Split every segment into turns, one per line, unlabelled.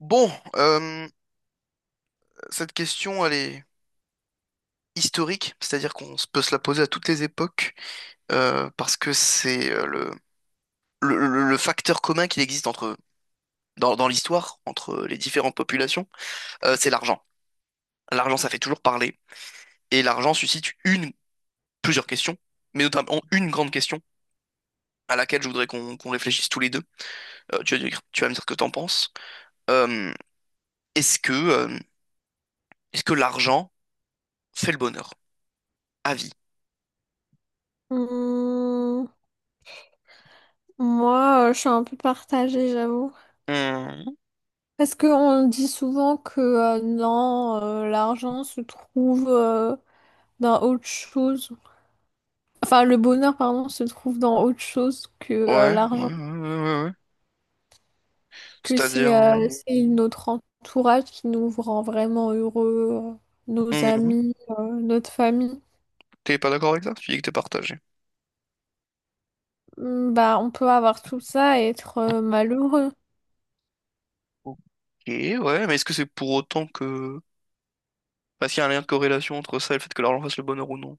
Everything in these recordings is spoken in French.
Bon, cette question, elle est historique, c'est-à-dire peut se la poser à toutes les époques, parce que c'est le facteur commun qu'il existe dans l'histoire, entre les différentes populations, c'est l'argent. L'argent, ça fait toujours parler, et l'argent suscite plusieurs questions, mais notamment une grande question à laquelle je voudrais qu'on réfléchisse tous les deux. Tu vas me dire ce que t'en penses. Euh, est-ce que, euh, est-ce que l'argent fait le bonheur? À vie.
Hum, moi, je suis un peu partagée, j'avoue.
Hmm.
Parce qu'on dit souvent que non, l'argent se trouve dans autre chose. Enfin, le bonheur, pardon, se trouve dans autre chose que
Ouais, ouais,
l'argent.
ouais, ouais, ouais.
Que
C'est-à-dire.
c'est C'est notre entourage qui nous rend vraiment heureux, nos
Mhm.
amis, notre famille.
T'es pas d'accord avec ça? Tu dis que t'es partagé.
On peut avoir tout ça et être malheureux.
Ok, ouais, mais est-ce que c'est pour autant que... Parce qu'il y a un lien de corrélation entre ça et le fait que l'argent fasse le bonheur ou non?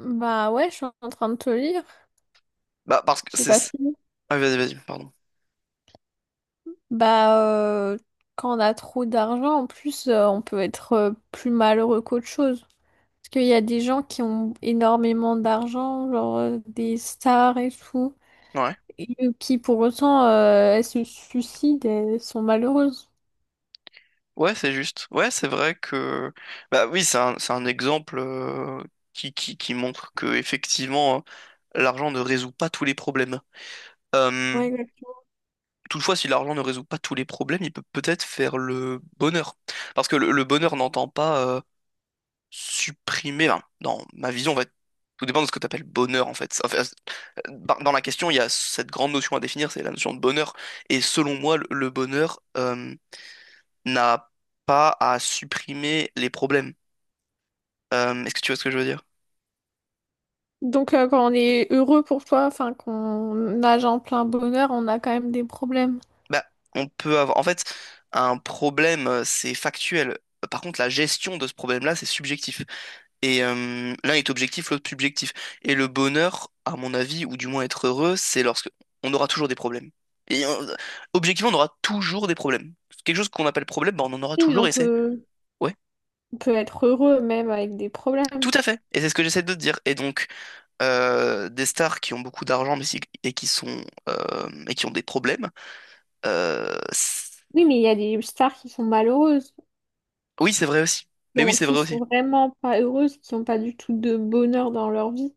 Bah ouais, je suis en train de te lire.
Bah, parce que
J'ai
c'est...
pas fini.
Ah, vas-y, vas-y, pardon.
Bah, euh, Quand on a trop d'argent, en plus, on peut être plus malheureux qu'autre chose. Parce qu'il y a des gens qui ont énormément d'argent, genre des stars et tout,
Ouais.
et qui pour autant, elles se suicident, elles sont malheureuses.
Ouais, c'est juste. Ouais, c'est vrai que... Bah oui, c'est un exemple qui montre que, effectivement, l'argent ne résout pas tous les problèmes. Euh,
Ouais, exact.
toutefois, si l'argent ne résout pas tous les problèmes, il peut peut-être faire le bonheur. Parce que le bonheur n'entend pas supprimer, enfin, dans ma vision, en fait, tout dépend de ce que tu appelles bonheur, en fait. Enfin, dans la question, il y a cette grande notion à définir, c'est la notion de bonheur. Et selon moi, le bonheur n'a pas à supprimer les problèmes. Est-ce que tu vois ce que je veux dire?
Donc, quand on est heureux pour toi, enfin, qu'on nage en plein bonheur, on a quand même des problèmes.
Bah, on peut avoir. En fait, un problème, c'est factuel. Par contre, la gestion de ce problème-là, c'est subjectif. L'un est objectif, l'autre subjectif. Et le bonheur, à mon avis, ou du moins être heureux, c'est lorsque on aura toujours des problèmes. Et euh, objectivement, on aura toujours des problèmes. Quelque chose qu'on appelle problème, bah, on en aura
Oui, mais on
toujours et c'est...
peut,
Ouais,
on peut être heureux même avec des problèmes.
tout à fait. Et c'est ce que j'essaie de te dire. Et donc, des stars qui ont beaucoup d'argent et qui sont et qui ont des problèmes, euh, c'est-
Oui, mais il y a des stars qui sont malheureuses,
oui, c'est vrai aussi. Mais oui, c'est
qui
vrai aussi.
sont vraiment pas heureuses, qui n'ont pas du tout de bonheur dans leur vie.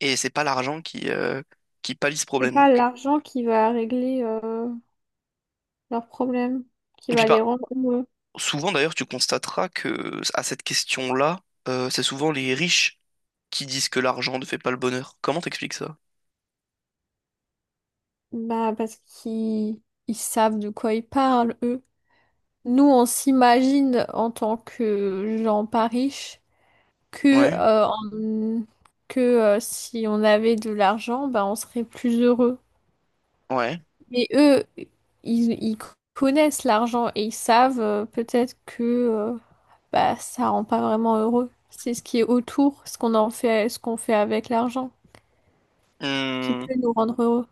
Et c'est pas l'argent qui pallie ce
C'est
problème,
pas
donc.
l'argent qui va régler leurs problèmes, qui
Et puis
va les
par
rendre heureux.
Souvent, d'ailleurs, tu constateras que à cette question-là, c'est souvent les riches qui disent que l'argent ne fait pas le bonheur. Comment t'expliques ça?
Bah, parce qu'ils savent de quoi ils parlent, eux. Nous, on s'imagine en tant que gens pas riches que,
Ouais,
que si on avait de l'argent, bah, on serait plus heureux.
ouais.
Mais eux, ils connaissent l'argent et ils savent peut-être que bah, ça rend pas vraiment heureux. C'est ce qui est autour, ce qu'on en fait, ce qu'on fait avec l'argent, qui
Hmm,
peut nous rendre heureux.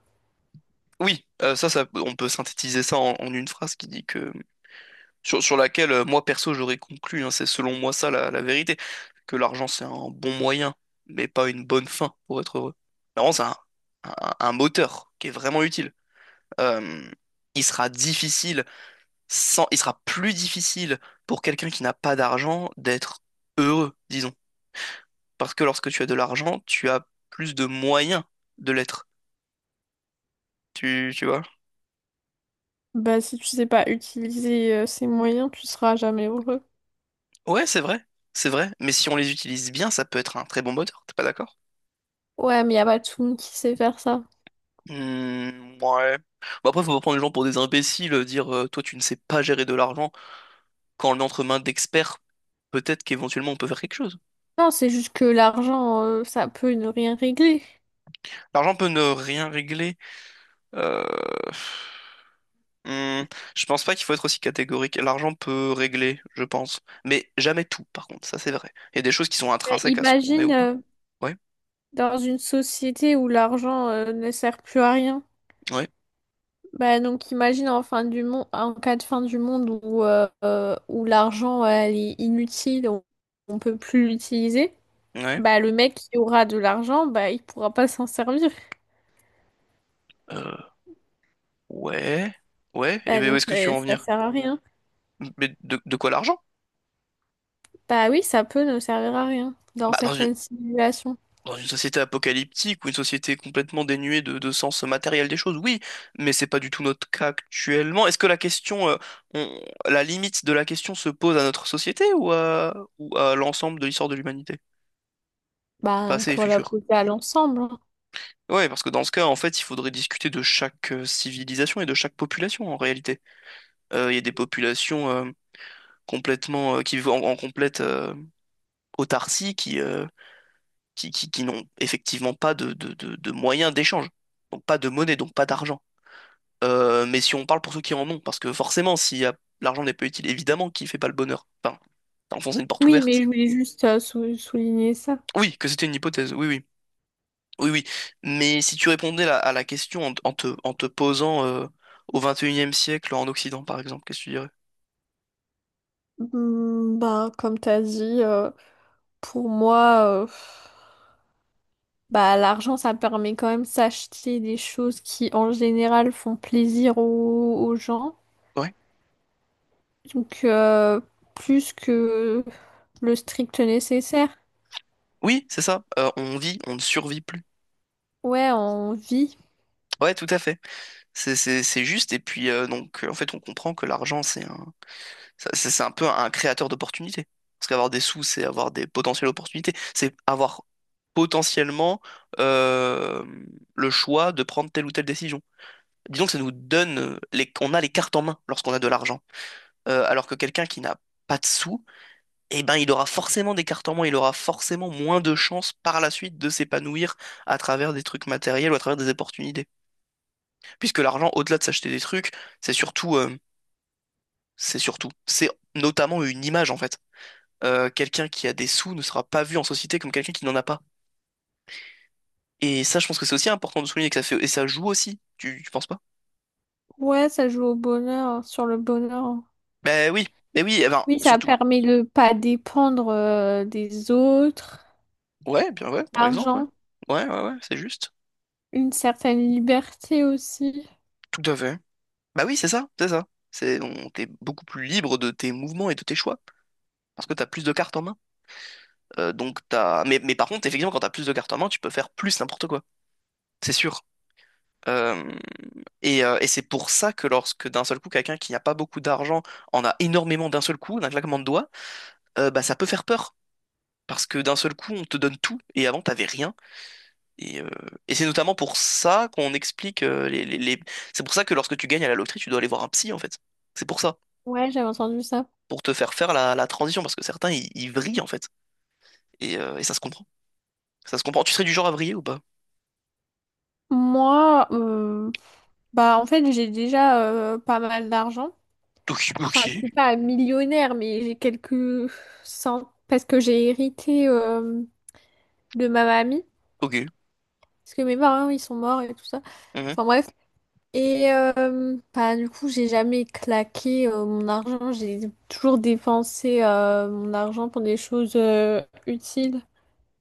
Oui, ça, ça, on peut synthétiser ça en une phrase qui dit que sur laquelle moi perso j'aurais conclu, hein, c'est selon moi ça la vérité, que l'argent c'est un bon moyen, mais pas une bonne fin pour être heureux. L'argent c'est un moteur qui est vraiment utile. Euh, il sera difficile sans, il sera plus difficile pour quelqu'un qui n'a pas d'argent d'être heureux, disons. Parce que lorsque tu as de l'argent, tu as plus de moyens de l'être. Tu vois?
Bah, si tu sais pas utiliser ces moyens, tu seras jamais heureux.
Ouais, c'est vrai, c'est vrai. Mais si on les utilise bien, ça peut être un très bon moteur. T'es pas d'accord?
Ouais, mais y a pas tout le monde qui sait faire ça.
Hmm, ouais. Bon après, faut pas prendre les gens pour des imbéciles, dire toi tu ne sais pas gérer de l'argent quand on est entre mains d'experts. Peut-être qu'éventuellement on peut faire quelque chose.
Non, c'est juste que l'argent, ça peut ne rien régler.
L'argent peut ne rien régler. Euh... Hmm, je pense pas qu'il faut être aussi catégorique. L'argent peut régler, je pense. Mais jamais tout, par contre, ça c'est vrai. Il y a des choses qui sont
Mais
intrinsèques à ce qu'on est
imagine
ou pas. Ouais,
dans une société où l'argent ne sert plus à rien.
ouais,
Bah, donc imagine en fin du monde, en cas de fin du monde où, où l'argent elle est inutile, on peut plus l'utiliser,
ouais.
bah le mec qui aura de l'argent, bah il pourra pas s'en servir.
Euh, ouais, ouais. Et
Bah
ben où
donc
est-ce que tu
ça,
veux en
ça
venir?
sert à rien.
Mais de quoi l'argent?
Bah oui, ça peut ne servir à rien dans
Bah dans une,
certaines simulations.
dans une société apocalyptique ou une société complètement dénuée de sens matériel des choses, oui. Mais c'est pas du tout notre cas actuellement. Est-ce que la question, on- la limite de la question se pose à notre société ou ou à l'ensemble de l'histoire de l'humanité?
Bah on
Passé et
peut
futur.
l'appliquer à l'ensemble, hein.
Ouais, parce que dans ce cas, en fait, il faudrait discuter de chaque civilisation et de chaque population en réalité. Il y a des populations complètement qui vivent en complète autarcie, qui n'ont effectivement pas de moyens d'échange, donc pas de monnaie, donc pas d'argent. Mais si on parle pour ceux qui en ont, parce que forcément, si l'argent n'est pas utile, évidemment qu'il fait pas le bonheur. Enfin, t'as enfoncé une porte
Oui, mais
ouverte.
je voulais juste souligner ça.
Oui, que c'était une hypothèse. Oui, oui. Oui, oui. Mais si tu répondais à la question en te posant au 21e siècle en Occident, par exemple, qu'est-ce que tu dirais?
Hmm, bah comme t'as dit, pour moi, bah, l'argent, ça permet quand même de s'acheter des choses qui, en général, font plaisir aux, aux gens.
Ouais.
Donc, plus que le strict nécessaire.
Oui, c'est ça. On vit, on ne survit plus.
Ouais, on vit.
Ouais, tout à fait. C'est juste. Et puis, donc, en fait, on comprend que l'argent, c'est un peu un créateur d'opportunités. Parce qu'avoir des sous, c'est avoir des potentielles opportunités. C'est avoir potentiellement euh, le choix de prendre telle ou telle décision. Disons que ça nous donne, on a les cartes en main lorsqu'on a de l'argent. Alors que quelqu'un qui n'a pas de sous, eh ben, il aura forcément des cartes en main, il aura forcément moins de chances par la suite de s'épanouir à travers des trucs matériels ou à travers des opportunités. Puisque l'argent, au-delà de s'acheter des trucs, c'est surtout, euh, c'est notamment une image en fait. Quelqu'un qui a des sous ne sera pas vu en société comme quelqu'un qui n'en a pas. Et ça, je pense que c'est aussi important de souligner que ça fait, et ça joue aussi. Tu penses pas?
Ouais, ça joue au bonheur, sur le bonheur.
Ben oui, ben oui, eh ben,
Oui, ça
surtout,
permet de pas dépendre, des autres.
ouais, bien ouais, par exemple, ouais.
L'argent,
Ouais, ouais, ouais, c'est juste.
une certaine liberté aussi.
Tout à fait. Bah oui, c'est ça, c'est ça. T'es beaucoup plus libre de tes mouvements et de tes choix, parce que t'as plus de cartes en main. Mais par contre, effectivement, quand t'as plus de cartes en main, tu peux faire plus n'importe quoi, c'est sûr. Euh, et c'est pour ça que lorsque d'un seul coup, quelqu'un qui n'a pas beaucoup d'argent en a énormément d'un seul coup, d'un claquement de doigts, bah ça peut faire peur. Parce que d'un seul coup, on te donne tout, et avant, t'avais rien. Et, euh, et c'est notamment pour ça qu'on explique C'est pour ça que lorsque tu gagnes à la loterie, tu dois aller voir un psy, en fait. C'est pour ça.
Ouais, j'avais entendu ça.
Pour te faire faire la transition, parce que certains, ils vrillent, en fait. Et ça se comprend. Ça se comprend. Tu serais du genre à vriller ou pas?
Moi, bah, en fait, j'ai déjà, pas mal d'argent.
Ok, ok,
Enfin, je suis pas millionnaire, mais j'ai quelques cent... Parce que j'ai hérité de ma mamie.
ok.
Parce que mes parents, ils sont morts et tout ça.
Mhm.
Enfin bref. Et bah, du coup, j'ai jamais claqué mon argent. J'ai toujours dépensé mon argent pour des choses utiles,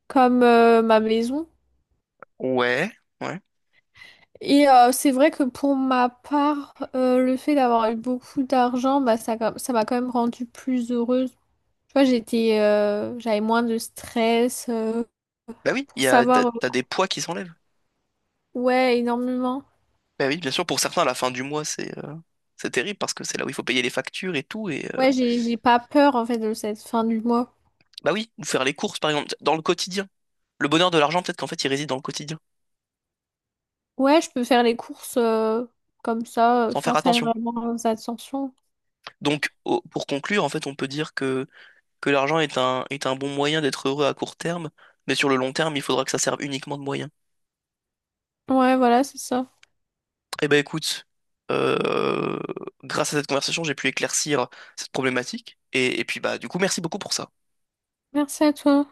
comme ma maison.
Ouais, ouais.
Et c'est vrai que pour ma part, le fait d'avoir eu beaucoup d'argent, bah, ça m'a quand même rendue plus heureuse. Tu vois, j'avais moins de stress
Bah oui,
pour
il y a,
savoir,
t'as des poids qui s'enlèvent.
ouais, énormément.
Bah oui, bien sûr, pour certains, à la fin du mois, c'est terrible, parce que c'est là où il faut payer les factures et tout.
Ouais, j'ai pas peur en fait de cette fin du mois.
Bah oui, ou faire les courses, par exemple, dans le quotidien. Le bonheur de l'argent, peut-être qu'en fait, il réside dans le quotidien,
Ouais, je peux faire les courses comme ça,
sans faire
sans faire
attention.
vraiment attention.
Donc, pour conclure, en fait, on peut dire que l'argent est un bon moyen d'être heureux à court terme, mais sur le long terme, il faudra que ça serve uniquement de moyen.
Ouais, voilà, c'est ça.
Eh ben, écoute, euh, grâce à cette conversation, j'ai pu éclaircir cette problématique, et puis, bah, du coup, merci beaucoup pour ça.
Merci à toi.